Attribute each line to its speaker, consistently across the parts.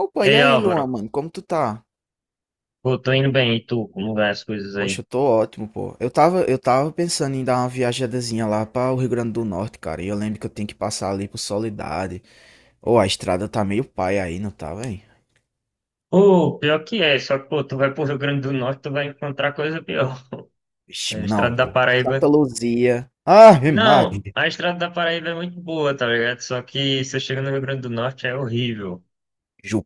Speaker 1: Opa,
Speaker 2: E
Speaker 1: e
Speaker 2: aí,
Speaker 1: aí,
Speaker 2: Álvaro?
Speaker 1: Luan, mano, como tu tá?
Speaker 2: Pô, tô indo bem, e tu? Como vai as coisas aí?
Speaker 1: Poxa, eu tô ótimo, pô. Eu tava pensando em dar uma viajadazinha lá pra o Rio Grande do Norte, cara. E eu lembro que eu tenho que passar ali por Soledade. Ô, a estrada tá meio pai aí, não tá, velho?
Speaker 2: Pô, pior que é, só que, pô, tu vai pro Rio Grande do Norte, tu vai encontrar coisa pior.
Speaker 1: Vixe,
Speaker 2: É, A
Speaker 1: não,
Speaker 2: estrada da
Speaker 1: pô.
Speaker 2: Paraíba...
Speaker 1: Santa Luzia. Ave Maria.
Speaker 2: Não, a estrada da Paraíba é muito boa, tá ligado? Só que se você chega no Rio Grande do Norte é horrível.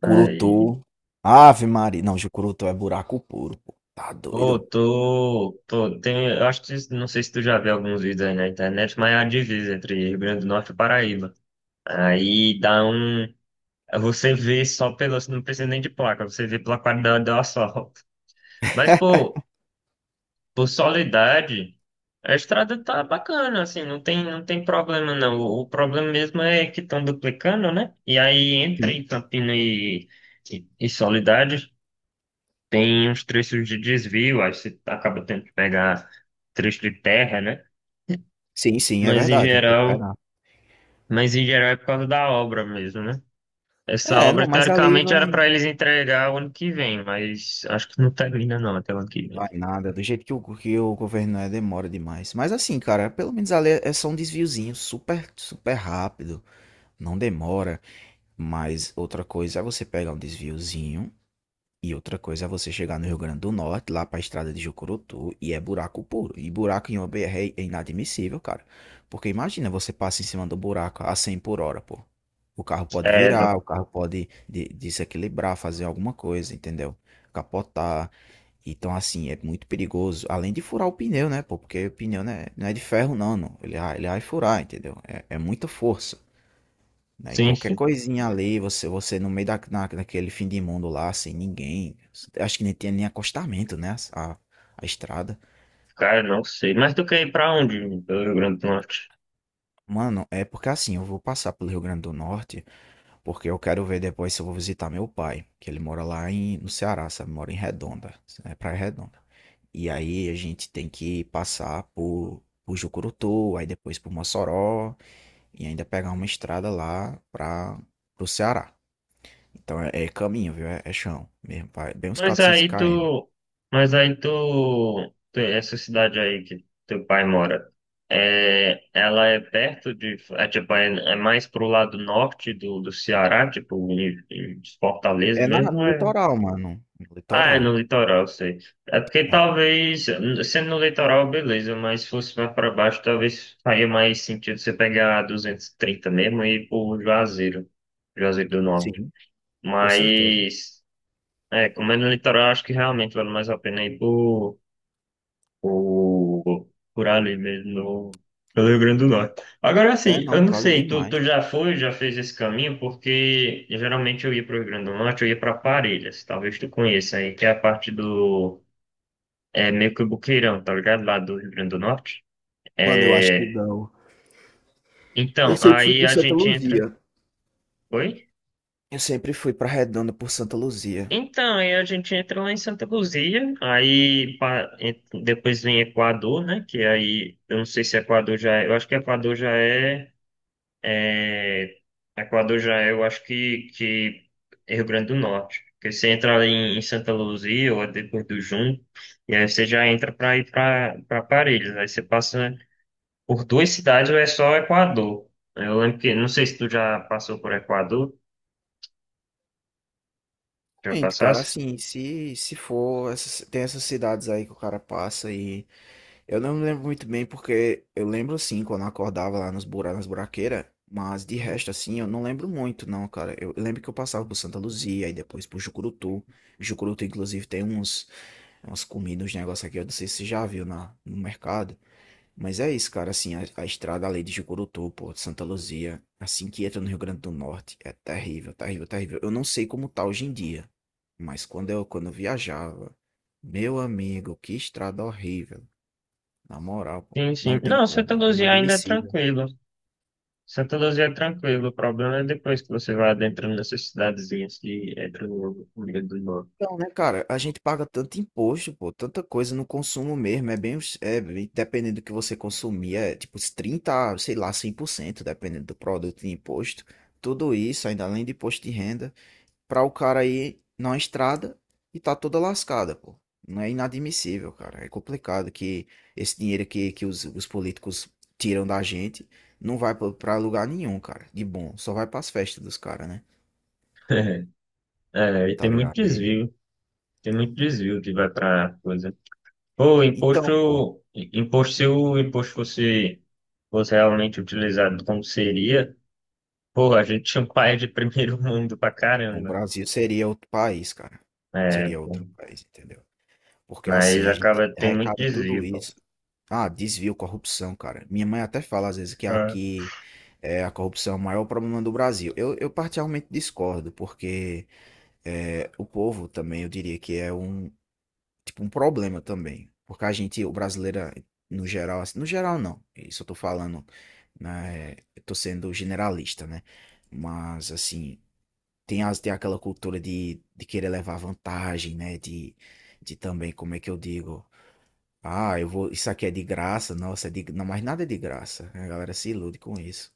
Speaker 2: Aí,
Speaker 1: Ave Maria. Não, Jucurutu é buraco puro, pô. Tá
Speaker 2: pô,
Speaker 1: doido?
Speaker 2: eu acho que, não sei se tu já viu alguns vídeos aí na internet, mas é a divisa entre Rio Grande do Norte e Paraíba. Aí dá um... Você vê só pelo... Não precisa nem de placa, você vê pela qualidade do asfalto. Mas, pô, Por Soledade, a estrada tá bacana, assim, não tem problema não. O problema mesmo é que estão duplicando, né? E aí entre
Speaker 1: Sim,
Speaker 2: em Campina e Soledade, tem uns trechos de desvio, aí você acaba tendo que pegar trecho de terra, né?
Speaker 1: sim, sim, é
Speaker 2: Mas em
Speaker 1: verdade. Tem que
Speaker 2: geral,
Speaker 1: pegar.
Speaker 2: mas em geral é por causa da obra mesmo, né? Essa
Speaker 1: É,
Speaker 2: obra,
Speaker 1: não, mas ali
Speaker 2: teoricamente, era
Speaker 1: vai.
Speaker 2: para eles entregar o ano que vem, mas acho que não termina não até o ano que vem.
Speaker 1: Vai nada, do jeito que o governo é, demora demais. Mas assim, cara, pelo menos ali é só um desviozinho super, super rápido, não demora. Mas outra coisa é você pegar um desviozinho e outra coisa é você chegar no Rio Grande do Norte, lá pra estrada de Jucurutu, e é buraco puro. E buraco em uma BR é inadmissível, cara. Porque imagina, você passa em cima do buraco a 100 por hora, pô. O carro pode
Speaker 2: É,
Speaker 1: virar, o carro pode desequilibrar, fazer alguma coisa, entendeu? Capotar. Então, assim, é muito perigoso. Além de furar o pneu, né, pô? Porque o pneu né, não é de ferro, não. Ele vai furar, entendeu? É muita força. Né? E qualquer
Speaker 2: sim.
Speaker 1: coisinha ali, você no meio daquele fim de mundo lá, sem ninguém. Acho que nem tinha nem acostamento, né? A estrada.
Speaker 2: Cara, não sei. Mas tu quer ir pra onde? Pelo Rio Grande do Norte.
Speaker 1: Mano, é porque assim, eu vou passar pelo Rio Grande do Norte, porque eu quero ver depois se eu vou visitar meu pai, que ele mora lá no Ceará, sabe? Mora em Redonda, é Praia Redonda. E aí a gente tem que passar por Jucurutu, aí depois por Mossoró, e ainda pegar uma estrada lá para o Ceará. Então é caminho, viu? É chão mesmo, vai bem uns
Speaker 2: Mas
Speaker 1: quatrocentos
Speaker 2: aí
Speaker 1: km.
Speaker 2: tu. Essa cidade aí que teu pai mora. É, ela é perto de. É, tipo, é mais pro lado norte do Ceará, tipo, em Fortaleza
Speaker 1: É na,
Speaker 2: mesmo. ou
Speaker 1: no
Speaker 2: É,
Speaker 1: litoral, mano. No
Speaker 2: ah, é
Speaker 1: litoral.
Speaker 2: no litoral, eu sei. É porque
Speaker 1: É,
Speaker 2: talvez. Sendo no litoral, beleza, mas se fosse mais pra baixo, talvez faria mais sentido você pegar a 230 mesmo e ir pro Juazeiro. Juazeiro do Norte.
Speaker 1: sim, com certeza.
Speaker 2: Mas, comendo no litoral, acho que realmente vale mais a pena ir por, por ali mesmo, no, pelo Rio Grande do Norte. Agora,
Speaker 1: É,
Speaker 2: assim, eu
Speaker 1: não,
Speaker 2: não
Speaker 1: vale bem
Speaker 2: sei, tu,
Speaker 1: mais.
Speaker 2: tu já foi, já fez esse caminho? Porque geralmente eu ia para o Rio Grande do Norte, eu ia para Parelhas, talvez tu conheça aí, que é a parte é meio que o Boqueirão, tá ligado? Lá do Rio Grande do Norte.
Speaker 1: Mano, eu acho que
Speaker 2: É,
Speaker 1: não. Eu
Speaker 2: então,
Speaker 1: sempre fui
Speaker 2: aí
Speaker 1: por
Speaker 2: a
Speaker 1: Santa
Speaker 2: gente entra.
Speaker 1: Luzia.
Speaker 2: Oi?
Speaker 1: Eu sempre fui pra Redonda por Santa Luzia.
Speaker 2: Então, aí a gente entra lá em Santa Luzia, aí depois vem Equador, né? Que aí, eu não sei se Equador já é, eu acho que Equador já é, é, Equador já é, eu acho que é Rio Grande do Norte. Porque você entra ali em Santa Luzia ou é depois do Junco, e aí você já entra para ir para Parelhas. Aí você passa por duas cidades ou é só Equador. Eu lembro que, não sei se tu já passou por Equador, já
Speaker 1: Gente, cara,
Speaker 2: passasse?
Speaker 1: assim, se for, tem essas cidades aí que o cara passa e eu não me lembro muito bem porque eu lembro sim quando eu acordava lá nas buraqueiras, mas de
Speaker 2: Uhum.
Speaker 1: resto assim eu não lembro muito não, cara. Eu lembro que eu passava por Santa Luzia e depois por Jucurutu. Jucurutu inclusive tem uns umas comidas, uns negócios aqui, eu não sei se você já viu na no mercado, mas é isso, cara, assim, a estrada ali de Jucurutu, pô, de Santa Luzia, assim que entra no Rio Grande do Norte, é terrível, terrível, terrível. Eu não sei como tá hoje em dia, mas quando eu viajava, meu amigo, que estrada horrível. Na moral, pô,
Speaker 2: Sim,
Speaker 1: não
Speaker 2: sim.
Speaker 1: tem
Speaker 2: Não, Santa
Speaker 1: como, é
Speaker 2: Luzia ainda é
Speaker 1: inadmissível.
Speaker 2: tranquilo. Santa Luzia é tranquilo, o problema é depois que você vai adentrando nessas cidadezinhas que entra no meio do norte.
Speaker 1: Então, né, cara, a gente paga tanto imposto, pô, tanta coisa no consumo mesmo, é bem, os- é, bem- dependendo do que você consumir, é tipo uns 30, sei lá, 100%, dependendo do produto de imposto. Tudo isso, ainda além de imposto de renda, para o cara ir na estrada e tá toda lascada, pô. Não é inadmissível, cara. É complicado que esse dinheiro que os políticos tiram da gente não vai pra lugar nenhum, cara, de bom. Só vai pras festas dos caras, né?
Speaker 2: É, e
Speaker 1: Tá ligado? E
Speaker 2: tem muito desvio que vai pra coisa. Pô,
Speaker 1: então, pô,
Speaker 2: imposto, se o imposto fosse realmente utilizado como seria, pô, a gente tinha um país de primeiro mundo pra
Speaker 1: o
Speaker 2: caramba.
Speaker 1: Brasil seria outro país, cara.
Speaker 2: É,
Speaker 1: Seria
Speaker 2: pô,
Speaker 1: outro país, entendeu? Porque assim,
Speaker 2: mas
Speaker 1: a gente
Speaker 2: acaba, tem muito
Speaker 1: arrecada tudo
Speaker 2: desvio, pô.
Speaker 1: isso. Ah, desvio, corrupção, cara. Minha mãe até fala às vezes que
Speaker 2: Ah,
Speaker 1: aqui é, a corrupção é o maior problema do Brasil. Eu particularmente discordo, porque é, o povo também, eu diria que é um, tipo, um problema também. Porque a gente, o brasileiro, no geral, assim, no geral não. Isso eu tô falando, né, eu tô sendo generalista, né? Mas assim, tem, as, tem aquela cultura de querer levar vantagem, né? De também, como é que eu digo? Ah, eu vou. Isso aqui é de graça, nossa, é de, não, mas nada é de graça. Né? A galera se ilude com isso.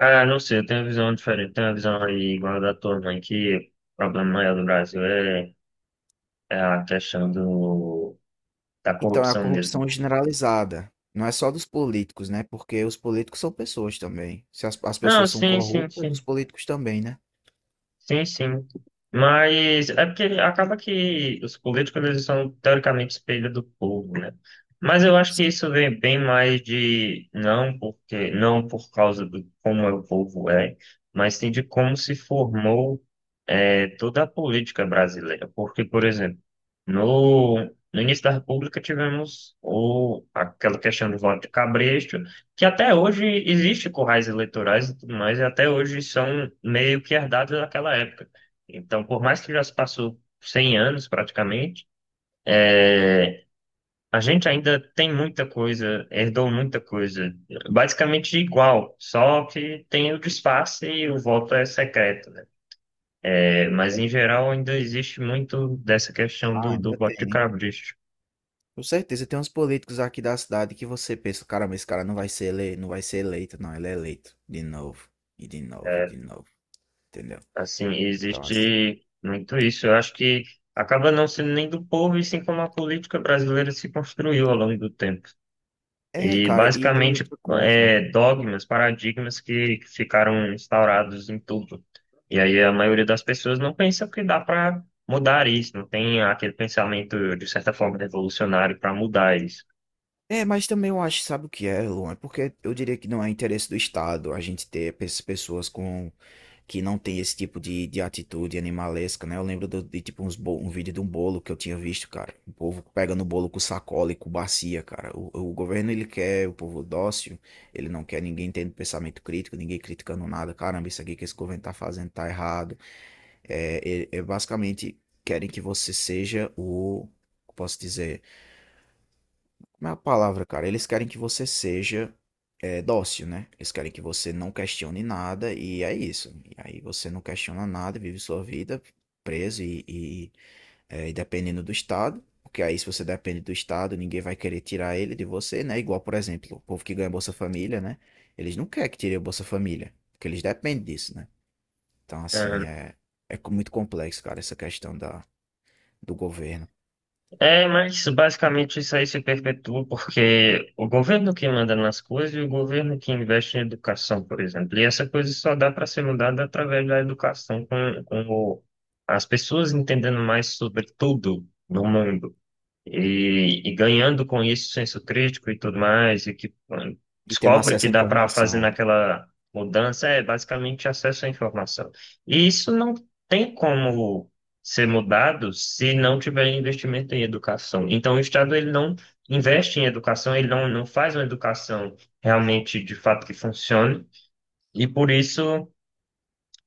Speaker 2: ah, não sei, eu tenho uma visão diferente, tenho uma visão aí igual a da tua mãe, que o problema maior do Brasil é a questão da
Speaker 1: Então, é a
Speaker 2: corrupção mesmo.
Speaker 1: corrupção generalizada. Não é só dos políticos, né? Porque os políticos são pessoas também. Se as
Speaker 2: Não,
Speaker 1: pessoas são
Speaker 2: sim, sim,
Speaker 1: corruptas, os
Speaker 2: sim.
Speaker 1: políticos também, né?
Speaker 2: Sim, sim. Mas é porque acaba que os políticos eles são teoricamente espelho do povo, né? Mas eu acho que
Speaker 1: Sim.
Speaker 2: isso vem bem mais de não porque não por causa do como é o povo é, mas sim de como se formou toda a política brasileira. Porque, por exemplo, no, no início da República tivemos aquela questão do voto de cabresto que até hoje existe currais eleitorais e tudo mais, e até hoje são meio que herdados daquela época. Então, por mais que já se passou 100 anos praticamente, é, a gente ainda tem muita coisa, herdou muita coisa, basicamente igual, só que tem o disfarce e o voto é secreto, né? É, mas
Speaker 1: É,
Speaker 2: em geral ainda existe muito dessa questão
Speaker 1: ah,
Speaker 2: do
Speaker 1: ainda
Speaker 2: voto de
Speaker 1: tem.
Speaker 2: cabresto.
Speaker 1: Com certeza, tem uns políticos aqui da cidade que você pensa, caramba, esse cara não vai ser ele, não vai ser eleito, não, ele é eleito de novo, e de novo, e de novo, entendeu?
Speaker 2: Assim,
Speaker 1: Então, ass
Speaker 2: existe muito isso. Eu acho que acaba não sendo nem do povo, e sim como a política brasileira se construiu ao longo do tempo.
Speaker 1: é,
Speaker 2: E
Speaker 1: cara, e tem
Speaker 2: basicamente
Speaker 1: outra coisa.
Speaker 2: dogmas, paradigmas que ficaram instaurados em tudo. E aí a maioria das pessoas não pensa que dá para mudar isso, não tem aquele pensamento, de certa forma, revolucionário para mudar isso.
Speaker 1: É, mas também eu acho, sabe o que é, Luan? É porque eu diria que não é interesse do Estado a gente ter pessoas com que não tem esse tipo de atitude animalesca, né? Eu lembro de tipo um vídeo de um bolo que eu tinha visto, cara. O povo pegando o bolo com sacola e com bacia, cara. O governo ele quer o povo dócil, ele não quer ninguém tendo pensamento crítico, ninguém criticando nada. Caramba, isso aqui que esse governo tá fazendo tá errado. É basicamente querem que você seja o. Posso dizer. Como é a palavra, cara? Eles querem que você seja é, dócil, né? Eles querem que você não questione nada e é isso. E aí você não questiona nada, vive sua vida preso é, e dependendo do Estado. Porque aí, se você depende do Estado, ninguém vai querer tirar ele de você, né? Igual, por exemplo, o povo que ganha Bolsa Família, né? Eles não querem que tire o Bolsa Família, porque eles dependem disso, né? Então, assim, é, é muito complexo, cara, essa questão da, do governo.
Speaker 2: É, mas basicamente isso aí se perpetua porque o governo que manda nas coisas e o governo que investe em educação, por exemplo. E essa coisa só dá para ser mudada através da educação, com as pessoas entendendo mais sobre tudo no mundo e ganhando com isso senso crítico e tudo mais, e que mano,
Speaker 1: E tendo
Speaker 2: descobre que
Speaker 1: acesso à
Speaker 2: dá para fazer
Speaker 1: informação.
Speaker 2: naquela mudança, é basicamente acesso à informação. E isso não tem como ser mudado se não tiver investimento em educação. Então, o Estado ele não investe em educação, ele não, não faz uma educação realmente de fato que funcione, e por isso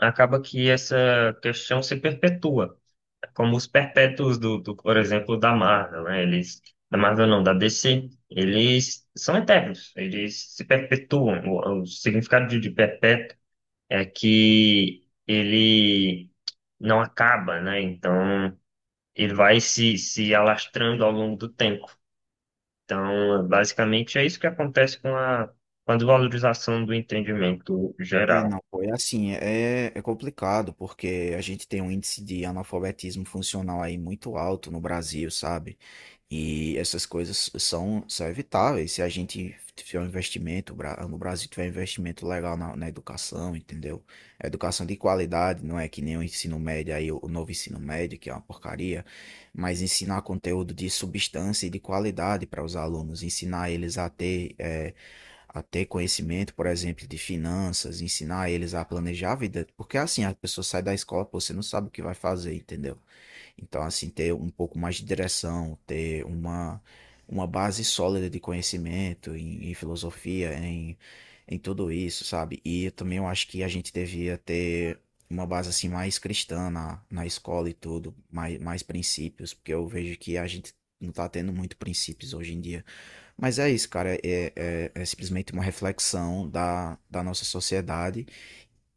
Speaker 2: acaba que essa questão se perpetua como os perpétuos do, por exemplo, da Marvel, né? Eles, da Marvel não, da DC, eles são eternos, eles se perpetuam. O significado de perpétuo é que ele não acaba, né? Então, ele vai se alastrando ao longo do tempo. Então, basicamente, é isso que acontece com a desvalorização do entendimento
Speaker 1: É,
Speaker 2: geral.
Speaker 1: não, pô, é assim, é complicado, porque a gente tem um índice de analfabetismo funcional aí muito alto no Brasil, sabe? E essas coisas são evitáveis se a gente tiver um investimento, no Brasil tiver um investimento legal na educação, entendeu? A educação de qualidade, não é que nem o ensino médio aí, o novo ensino médio, que é uma porcaria, mas ensinar conteúdo de substância e de qualidade para os alunos, ensinar eles a a ter conhecimento, por exemplo, de finanças, ensinar eles a planejar a vida. Porque assim, a pessoa sai da escola, pô, você não sabe o que vai fazer, entendeu? Então, assim, ter um pouco mais de direção, ter uma base sólida de conhecimento em, em filosofia, em, em tudo isso, sabe? E eu também eu acho que a gente devia ter uma base assim mais cristã na escola e tudo, mais, mais princípios, porque eu vejo que a gente não tá tendo muito princípios hoje em dia. Mas é isso, cara, é simplesmente uma reflexão da nossa sociedade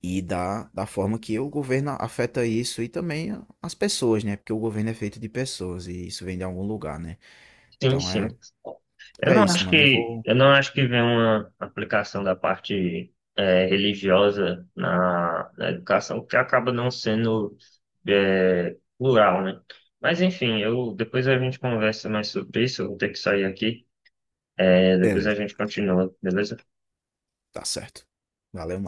Speaker 1: e da forma que o governo afeta isso e também as pessoas, né? Porque o governo é feito de pessoas e isso vem de algum lugar, né?
Speaker 2: Sim,
Speaker 1: Então
Speaker 2: sim.
Speaker 1: é,
Speaker 2: Eu
Speaker 1: é
Speaker 2: não
Speaker 1: isso,
Speaker 2: acho
Speaker 1: mano. Eu
Speaker 2: que
Speaker 1: vou.
Speaker 2: eu não acho que vem uma aplicação da parte religiosa na educação que acaba não sendo plural, né? Mas enfim, eu depois a gente conversa mais sobre isso. Eu vou ter que sair aqui. É, depois a
Speaker 1: Beleza,
Speaker 2: gente continua, beleza?
Speaker 1: tá certo. Valeu.